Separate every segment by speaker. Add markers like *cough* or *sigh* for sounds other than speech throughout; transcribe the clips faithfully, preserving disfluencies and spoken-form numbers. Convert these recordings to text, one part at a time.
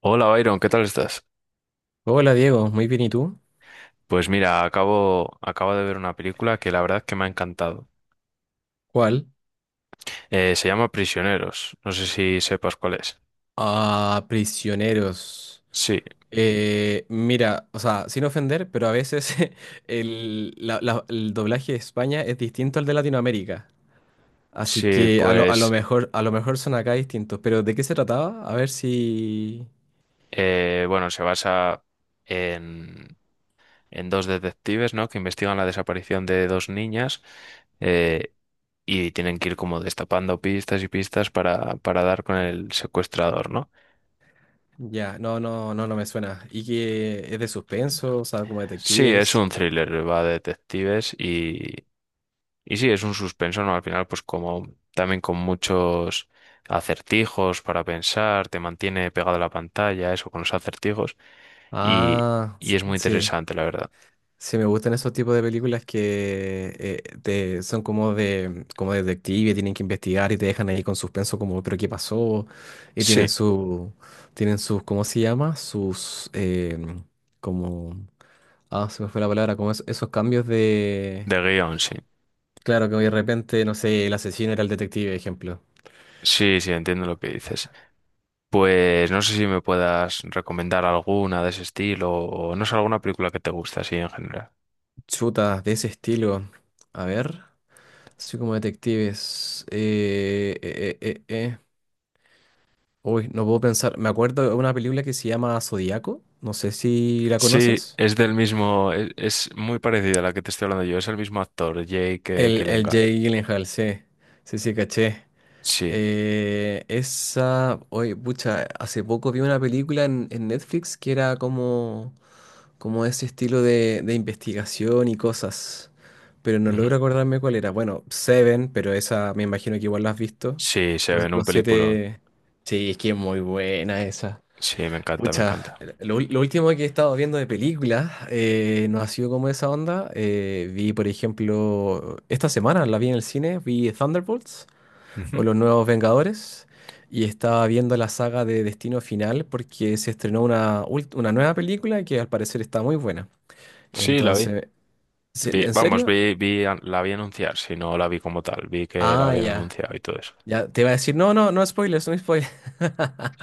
Speaker 1: Hola Byron, ¿qué tal estás?
Speaker 2: Hola Diego, muy bien, ¿y tú?
Speaker 1: Pues mira, acabo, acabo de ver una película que la verdad que me ha encantado.
Speaker 2: ¿Cuál?
Speaker 1: Eh, se llama Prisioneros, no sé si sepas cuál es.
Speaker 2: Ah, prisioneros.
Speaker 1: Sí,
Speaker 2: Eh, mira, o sea, sin ofender, pero a veces *laughs* el, la- la- el doblaje de España es distinto al de Latinoamérica. Así
Speaker 1: sí,
Speaker 2: que a lo, a lo
Speaker 1: pues
Speaker 2: mejor, a lo mejor son acá distintos. Pero ¿de qué se trataba? A ver si.
Speaker 1: eh, bueno, se basa en, en dos detectives, ¿no? Que investigan la desaparición de dos niñas, eh, y tienen que ir como destapando pistas y pistas para, para dar con el secuestrador, ¿no?
Speaker 2: Ya, no, no, no, no me suena. ¿Y que es de suspenso? O sea, como
Speaker 1: Sí, es
Speaker 2: detectives.
Speaker 1: un thriller, va de detectives. Y sí, es un suspenso, ¿no? Al final, pues como también con muchos acertijos para pensar, te mantiene pegado a la pantalla, eso con los acertijos, y,
Speaker 2: Ah,
Speaker 1: y
Speaker 2: s-
Speaker 1: es muy
Speaker 2: sí.
Speaker 1: interesante, la verdad.
Speaker 2: Sí, me gustan esos tipos de películas que eh, te- son como de como de detective, tienen que investigar y te dejan ahí con suspenso como, pero ¿qué pasó? Y tienen
Speaker 1: Sí,
Speaker 2: su, tienen sus, ¿cómo se llama? Sus, em, como, ah, se me fue la palabra, como es- esos cambios de,
Speaker 1: de guión, sí.
Speaker 2: claro, que de repente, no sé, el asesino era el detective, ejemplo.
Speaker 1: Sí, sí, entiendo lo que dices. Pues no sé si me puedas recomendar alguna de ese estilo o no sé, alguna película que te guste así en general.
Speaker 2: Chutas de ese estilo. A ver, así como detectives. eh, eh, eh, eh, eh. Uy, no puedo pensar. Me acuerdo de una película que se llama Zodíaco. No sé si la
Speaker 1: Sí,
Speaker 2: conoces.
Speaker 1: es del mismo, es, es muy parecida a la que te estoy hablando yo, es el mismo actor, Jake, eh,
Speaker 2: El, el
Speaker 1: Gyllenhaal.
Speaker 2: Jake Gyllenhaal, sí. Sí, sí, caché.
Speaker 1: Sí,
Speaker 2: Eh, esa. Oye, pucha, hace poco vi una película en, en Netflix que era como, como ese estilo de, de investigación y cosas. Pero no
Speaker 1: ujú.
Speaker 2: logro acordarme cuál era. Bueno, Seven, pero esa me imagino que igual la has visto.
Speaker 1: Sí, se ve
Speaker 2: Los,
Speaker 1: en un
Speaker 2: los
Speaker 1: peliculón.
Speaker 2: siete. Sí, es que es muy buena esa.
Speaker 1: Sí, me encanta, me
Speaker 2: Pucha,
Speaker 1: encanta.
Speaker 2: lo, lo último que he estado viendo de películas eh, no ha sido como esa onda. Eh, vi, por ejemplo, esta semana la vi en el cine, vi Thunderbolts o
Speaker 1: Ujú.
Speaker 2: Los Nuevos Vengadores y estaba viendo la saga de Destino Final porque se estrenó una, ult- una nueva película que al parecer está muy buena.
Speaker 1: Sí, la vi.
Speaker 2: Entonces, ¿se-
Speaker 1: Vi-
Speaker 2: ¿en
Speaker 1: vamos,
Speaker 2: serio?
Speaker 1: vi, vi, an- La vi anunciar, si no la vi como tal, vi que la
Speaker 2: Ah,
Speaker 1: habían
Speaker 2: ya.
Speaker 1: anunciado y todo eso.
Speaker 2: Ya te iba a decir, no, no, no spoilers, no spoilers. *laughs*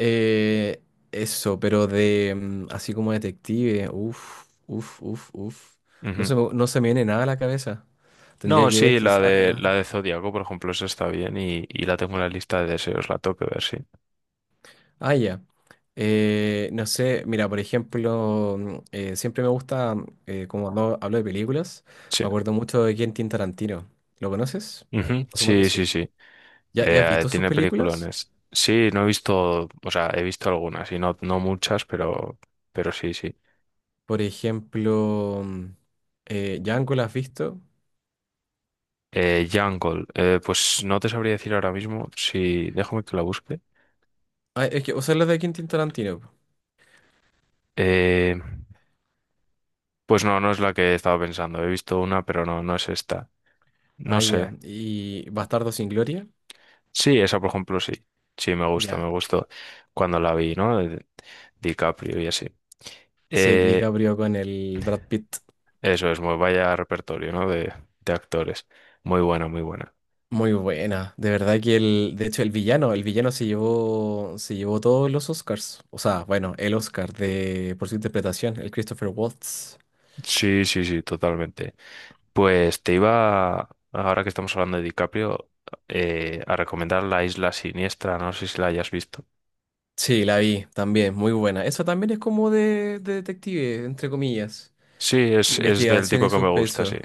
Speaker 2: Eh, eso, pero de mm, así como detective, uff, uff, uff, uff. No
Speaker 1: Ujú.
Speaker 2: se, me- no se me viene nada a la cabeza. Tendría
Speaker 1: No,
Speaker 2: que ver
Speaker 1: sí, la
Speaker 2: quizás.
Speaker 1: de
Speaker 2: ah,
Speaker 1: la de Zodíaco, por ejemplo, esa está bien y, y la tengo en la lista de deseos, la tengo que ver, sí.
Speaker 2: ah, ya. Eh, no sé, mira, por ejemplo, mm, eh, siempre me gusta, mm, eh, como hablo, hablo de películas,
Speaker 1: Sí,
Speaker 2: me acuerdo mucho de Quentin Tarantino. ¿Lo conoces?
Speaker 1: ujú.
Speaker 2: Asumo que
Speaker 1: Sí, sí,
Speaker 2: sí.
Speaker 1: sí.
Speaker 2: ¿Ya, ya has
Speaker 1: Eh,
Speaker 2: visto sus
Speaker 1: tiene
Speaker 2: películas?
Speaker 1: peliculones. Sí, no he visto, o sea, he visto algunas y no, no muchas, pero, pero sí, sí.
Speaker 2: Por ejemplo, mm, eh, Django, ¿la has visto?
Speaker 1: Eh, Jungle, eh, pues no te sabría decir ahora mismo, si déjame que la busque.
Speaker 2: Ah, es que, o sea, la de Quentin Tarantino. Po.
Speaker 1: Eh, Pues no, no es la que estaba pensando. He visto una, pero no, no es esta. No
Speaker 2: Ah, ya.
Speaker 1: sé.
Speaker 2: Y Bastardo sin Gloria.
Speaker 1: Sí, esa por ejemplo sí. Sí, me gusta,
Speaker 2: Ya.
Speaker 1: me gustó cuando la vi, ¿no? De DiCaprio y así.
Speaker 2: Sí,
Speaker 1: Eh,
Speaker 2: DiCaprio con el Brad Pitt.
Speaker 1: Eso es, muy vaya repertorio, ¿no? De, de actores. Muy buena, muy buena.
Speaker 2: Muy buena. De verdad que el, de hecho, el villano, el villano se llevó, se llevó todos los Oscars. O sea, bueno, el Oscar de, por su interpretación, el Christopher Waltz.
Speaker 1: Sí, sí, sí, totalmente. Pues te iba, ahora que estamos hablando de DiCaprio, eh, a recomendar La Isla Siniestra, no sé si la hayas visto.
Speaker 2: Sí, la vi también, muy buena. Eso también es como de, de detective, entre comillas.
Speaker 1: Sí, es, es del
Speaker 2: Investigación
Speaker 1: tipo
Speaker 2: y
Speaker 1: que me gusta, sí.
Speaker 2: suspenso.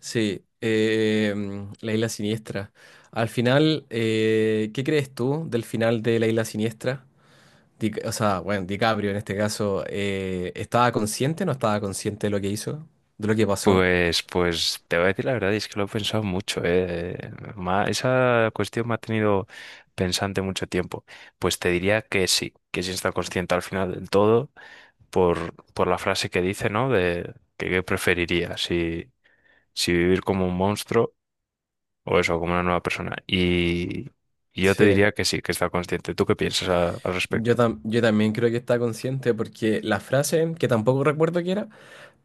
Speaker 2: Sí, eh, mm, la isla siniestra. Al final, eh, ¿qué crees tú del final de la isla siniestra? Di- o sea, bueno, DiCaprio en este caso, eh, ¿estaba consciente o no estaba consciente de lo que hizo? ¿De lo que pasó?
Speaker 1: Pues, pues te voy a decir la verdad, y es que lo he pensado mucho, ¿eh? Ma- esa cuestión me ha tenido pensante mucho tiempo. Pues te diría que sí, que sí está consciente al final del todo, por, por la frase que dice, ¿no? De que qué preferiría, si, si vivir como un monstruo o eso, como una nueva persona. Y, y yo te
Speaker 2: Sí,
Speaker 1: diría que sí, que está consciente. ¿Tú qué piensas a- al
Speaker 2: yo,
Speaker 1: respecto?
Speaker 2: tam- yo también creo que está consciente porque la frase, que tampoco recuerdo qué era,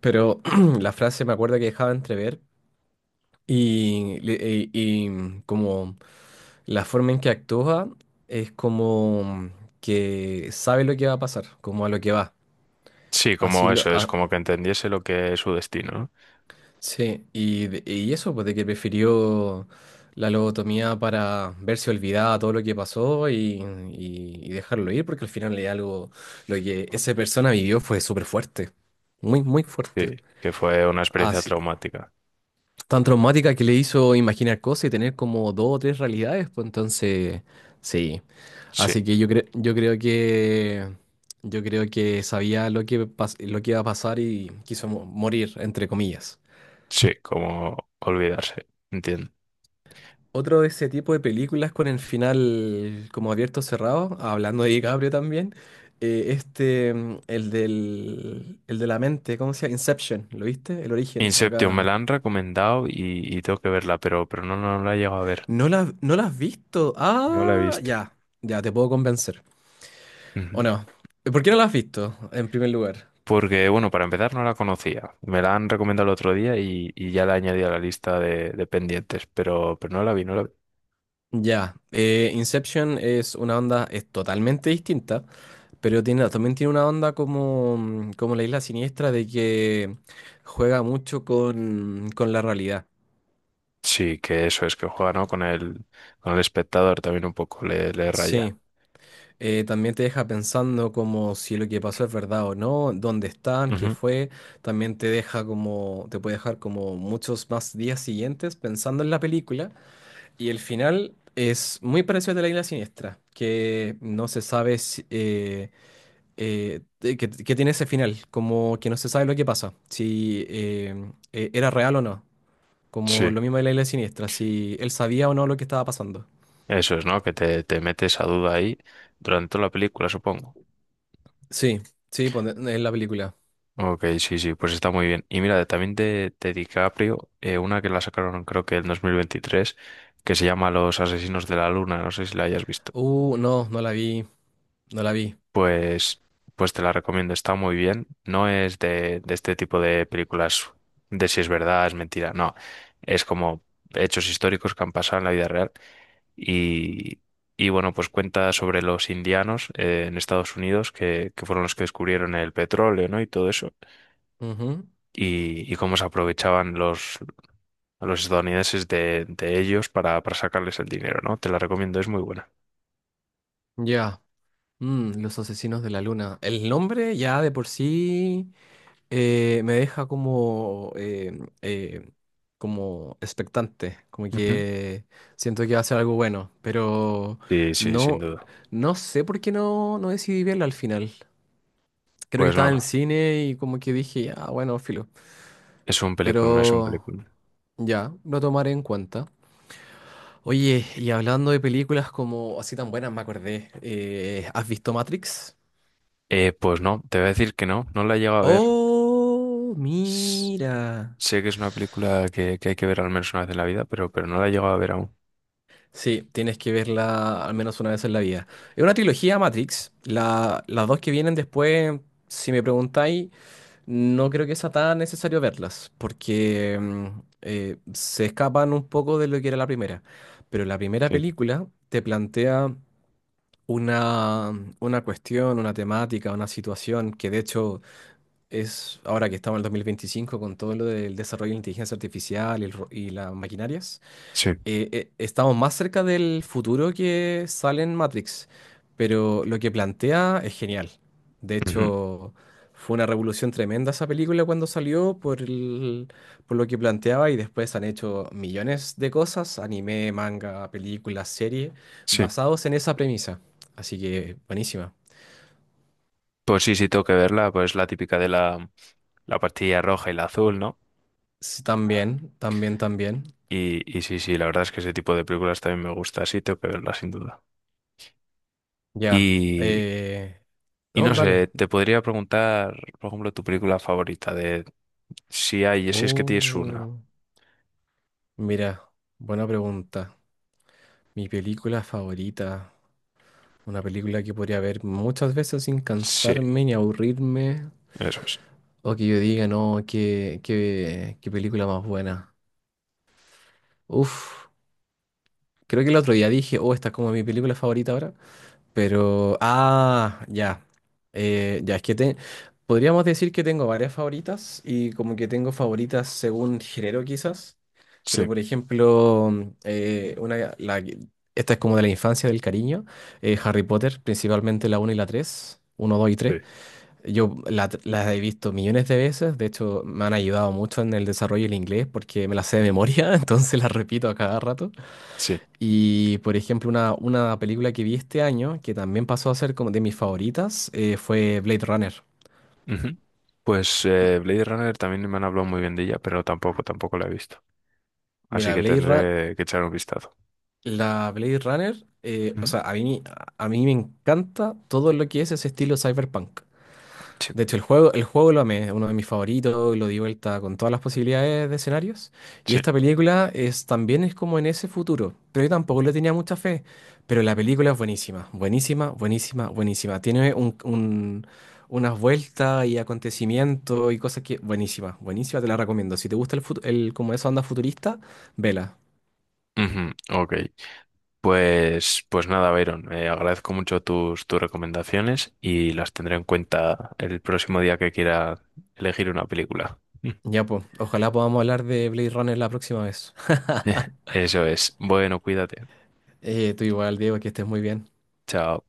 Speaker 2: pero *clears throat* la frase me acuerdo que dejaba entrever Y, le- y- y como la forma en que actúa es como que sabe lo que va a pasar, como a lo que va.
Speaker 1: Sí,
Speaker 2: Así
Speaker 1: como
Speaker 2: lo...
Speaker 1: eso, es
Speaker 2: a-
Speaker 1: como que entendiese lo que es su destino, ¿no?
Speaker 2: sí, y, de- y eso, pues de que prefirió la lobotomía para verse olvidada todo lo que pasó y, y- y dejarlo ir, porque al final es algo, lo que esa persona vivió fue súper fuerte, muy, muy fuerte.
Speaker 1: Sí, que fue una experiencia traumática.
Speaker 2: Tan traumática que le hizo imaginar cosas y tener como dos o tres realidades, pues entonces, sí.
Speaker 1: Sí.
Speaker 2: Así que yo creo, yo creo que yo creo que sabía lo que pas- lo que iba a pasar y quiso mo- morir, entre comillas.
Speaker 1: Sí, como olvidarse, entiendo.
Speaker 2: Otro de ese tipo de películas con el final como abierto cerrado, hablando de DiCaprio también, eh, este, mm, el del, el de la mente, ¿cómo se llama? Inception, ¿lo viste? El origen,
Speaker 1: Inception me
Speaker 2: acá.
Speaker 1: la han recomendado y, y tengo que verla, pero, pero no, no la he llegado a ver.
Speaker 2: No la, no la has visto.
Speaker 1: No la he
Speaker 2: Ah,
Speaker 1: visto.
Speaker 2: ya, ya, te puedo convencer. ¿O
Speaker 1: Ujú.
Speaker 2: no? Eh, ¿Por qué no la has visto, en primer lugar?
Speaker 1: Porque, bueno, para empezar no la conocía. Me la han recomendado el otro día y, y ya la añadí a la lista de, de pendientes, pero, pero no la vi, no la vi.
Speaker 2: Ya, eh, Inception es una onda, es totalmente distinta, pero tiene, también tiene una onda como, mm, como la Isla Siniestra de que juega mucho con, con la realidad.
Speaker 1: Sí, que eso es que juega, ¿no? Con el, con el espectador también un poco le, le
Speaker 2: Sí,
Speaker 1: raya.
Speaker 2: eh, también te deja pensando como si lo que pasó es verdad o no, dónde están, qué
Speaker 1: Ujú.
Speaker 2: fue, también te deja como, te puede dejar como muchos más días siguientes pensando en la película. Y el final es muy parecido al de la Isla Siniestra, que no se sabe si, eh, eh, de- que, que tiene ese final, como que no se sabe lo que pasa, si eh, eh, era real o no, como
Speaker 1: Sí,
Speaker 2: lo mismo de la Isla Siniestra, si él sabía o no lo que estaba pasando.
Speaker 1: eso es, ¿no? Que te, te metes a duda ahí durante toda la película, supongo.
Speaker 2: Sí, sí, pone- en la película.
Speaker 1: Ok, sí, sí, pues está muy bien. Y mira, también de, de DiCaprio, eh, una que la sacaron creo que en dos mil veintitrés, que se llama Los Asesinos de la Luna, no sé si la hayas visto.
Speaker 2: Uh, no, no la vi, no la vi.
Speaker 1: Pues, pues te la recomiendo, está muy bien. No es de, de este tipo de películas de si es verdad, es mentira, no. Es como hechos históricos que han pasado en la vida real. Y, y bueno, pues cuenta sobre los indianos eh, en Estados Unidos, que, que fueron los que descubrieron el petróleo, ¿no? Y todo eso.
Speaker 2: Ujú,
Speaker 1: Y, y cómo se aprovechaban los, los estadounidenses de, de ellos para, para sacarles el dinero, ¿no? Te la recomiendo, es muy buena.
Speaker 2: ya. Mm, los asesinos de la luna. El nombre ya de por sí eh, me deja como, eh, eh, como expectante, como
Speaker 1: Ujú.
Speaker 2: que siento que va a ser algo bueno, pero
Speaker 1: Sí, sí, sin
Speaker 2: no,
Speaker 1: duda.
Speaker 2: no sé por qué no, no decidí verla al final. Creo que
Speaker 1: Pues
Speaker 2: estaba
Speaker 1: no,
Speaker 2: en el cine y como que dije, ya, bueno, filo,
Speaker 1: es un película, no es un
Speaker 2: pero
Speaker 1: película.
Speaker 2: ya, lo tomaré en cuenta. Oye, y hablando de películas como así tan buenas, me acordé, eh, ¿has visto Matrix?
Speaker 1: Eh, pues no, te voy a decir que no, no la he llegado a ver.
Speaker 2: Oh,
Speaker 1: S-
Speaker 2: mira.
Speaker 1: Sé que es una película que, que hay que ver al menos una vez en la vida, pero, pero no la he llegado a ver aún.
Speaker 2: Sí, tienes que verla al menos una vez en la vida. Es una trilogía Matrix. La- las dos que vienen después, si me preguntáis, no creo que sea tan necesario verlas, porque mm, eh, se escapan un poco de lo que era la primera. Pero la primera
Speaker 1: Sí,
Speaker 2: película te plantea una, una cuestión, una temática, una situación que de hecho es ahora que estamos en el dos mil veinticinco con todo lo del desarrollo de la inteligencia artificial y el ro- y las maquinarias
Speaker 1: sí,
Speaker 2: eh, eh, estamos más cerca del futuro que sale en Matrix, pero lo que plantea es genial. De
Speaker 1: ujú,
Speaker 2: hecho, fue una revolución tremenda esa película cuando salió por el- por lo que planteaba y después han hecho millones de cosas, anime, manga, películas, series,
Speaker 1: sí.
Speaker 2: basados en esa premisa. Así que buenísima.
Speaker 1: Pues sí, sí, tengo que verla, pues la típica de la, la pastilla roja y la azul, ¿no?
Speaker 2: Sí, también, también, también.
Speaker 1: Y, y sí, sí, la verdad es que ese tipo de películas también me gusta, sí, tengo que verla sin duda.
Speaker 2: Ya.
Speaker 1: Y,
Speaker 2: eh,
Speaker 1: y
Speaker 2: No,
Speaker 1: no sé,
Speaker 2: dale.
Speaker 1: te podría preguntar, por ejemplo, tu película favorita de si hay, si es que tienes una.
Speaker 2: Uh, mira, buena pregunta. Mi película favorita, una película que podría ver muchas veces sin
Speaker 1: Sí,
Speaker 2: cansarme ni aburrirme,
Speaker 1: eso es.
Speaker 2: o que yo diga, no, qué, qué, qué película más buena. Uf, creo que el otro día dije, oh, esta es como mi película favorita ahora, pero, ah, ya. Eh, ya, es que te, podríamos decir que tengo varias favoritas y como que tengo favoritas según género quizás. Pero,
Speaker 1: Sí,
Speaker 2: por ejemplo, eh, una, la, que- esta es como de la infancia del cariño. eh, Harry Potter, principalmente la uno y la tres uno dos y tres.
Speaker 1: sí,
Speaker 2: Yo la- las he visto millones de veces. De hecho, me han ayudado mucho en el desarrollo del inglés porque me las sé de memoria, *laughs* entonces las repito a cada rato.
Speaker 1: sí.
Speaker 2: Y por ejemplo, una, una película que vi este año, que también pasó a ser como de mis favoritas, eh, fue Blade Runner.
Speaker 1: Ujú. Pues eh, Blade Runner también me han hablado muy bien de ella, pero tampoco, tampoco la he visto. Así
Speaker 2: Mira,
Speaker 1: que
Speaker 2: Blade Run-
Speaker 1: tendré que echar un vistazo.
Speaker 2: la Blade Runner, eh, o
Speaker 1: Ujú.
Speaker 2: sea, a mí, a mí me encanta todo lo que es ese estilo cyberpunk.
Speaker 1: Sí,
Speaker 2: De hecho, el juego, el juego lo amé, es uno de mis favoritos, lo di vuelta con todas las posibilidades de escenarios. Y
Speaker 1: sí.
Speaker 2: esta película es, también es como en ese futuro, pero yo tampoco le tenía mucha fe. Pero la película es buenísima, buenísima, buenísima, buenísima. Tiene un, un- unas vueltas y acontecimientos y cosas que... Buenísima, buenísima, te la recomiendo. Si te gusta el, fut- el como esa onda futurista, vela.
Speaker 1: Ujú, ok. Pues, pues nada, Byron, eh, agradezco mucho tus, tus recomendaciones y las tendré en cuenta el próximo día que quiera elegir una película. *laughs*
Speaker 2: Ya pues, ojalá podamos hablar de Blade Runner la próxima vez. *laughs*
Speaker 1: Eso es. Bueno, cuídate.
Speaker 2: Eh, tú igual, Diego, que estés muy bien.
Speaker 1: Chao.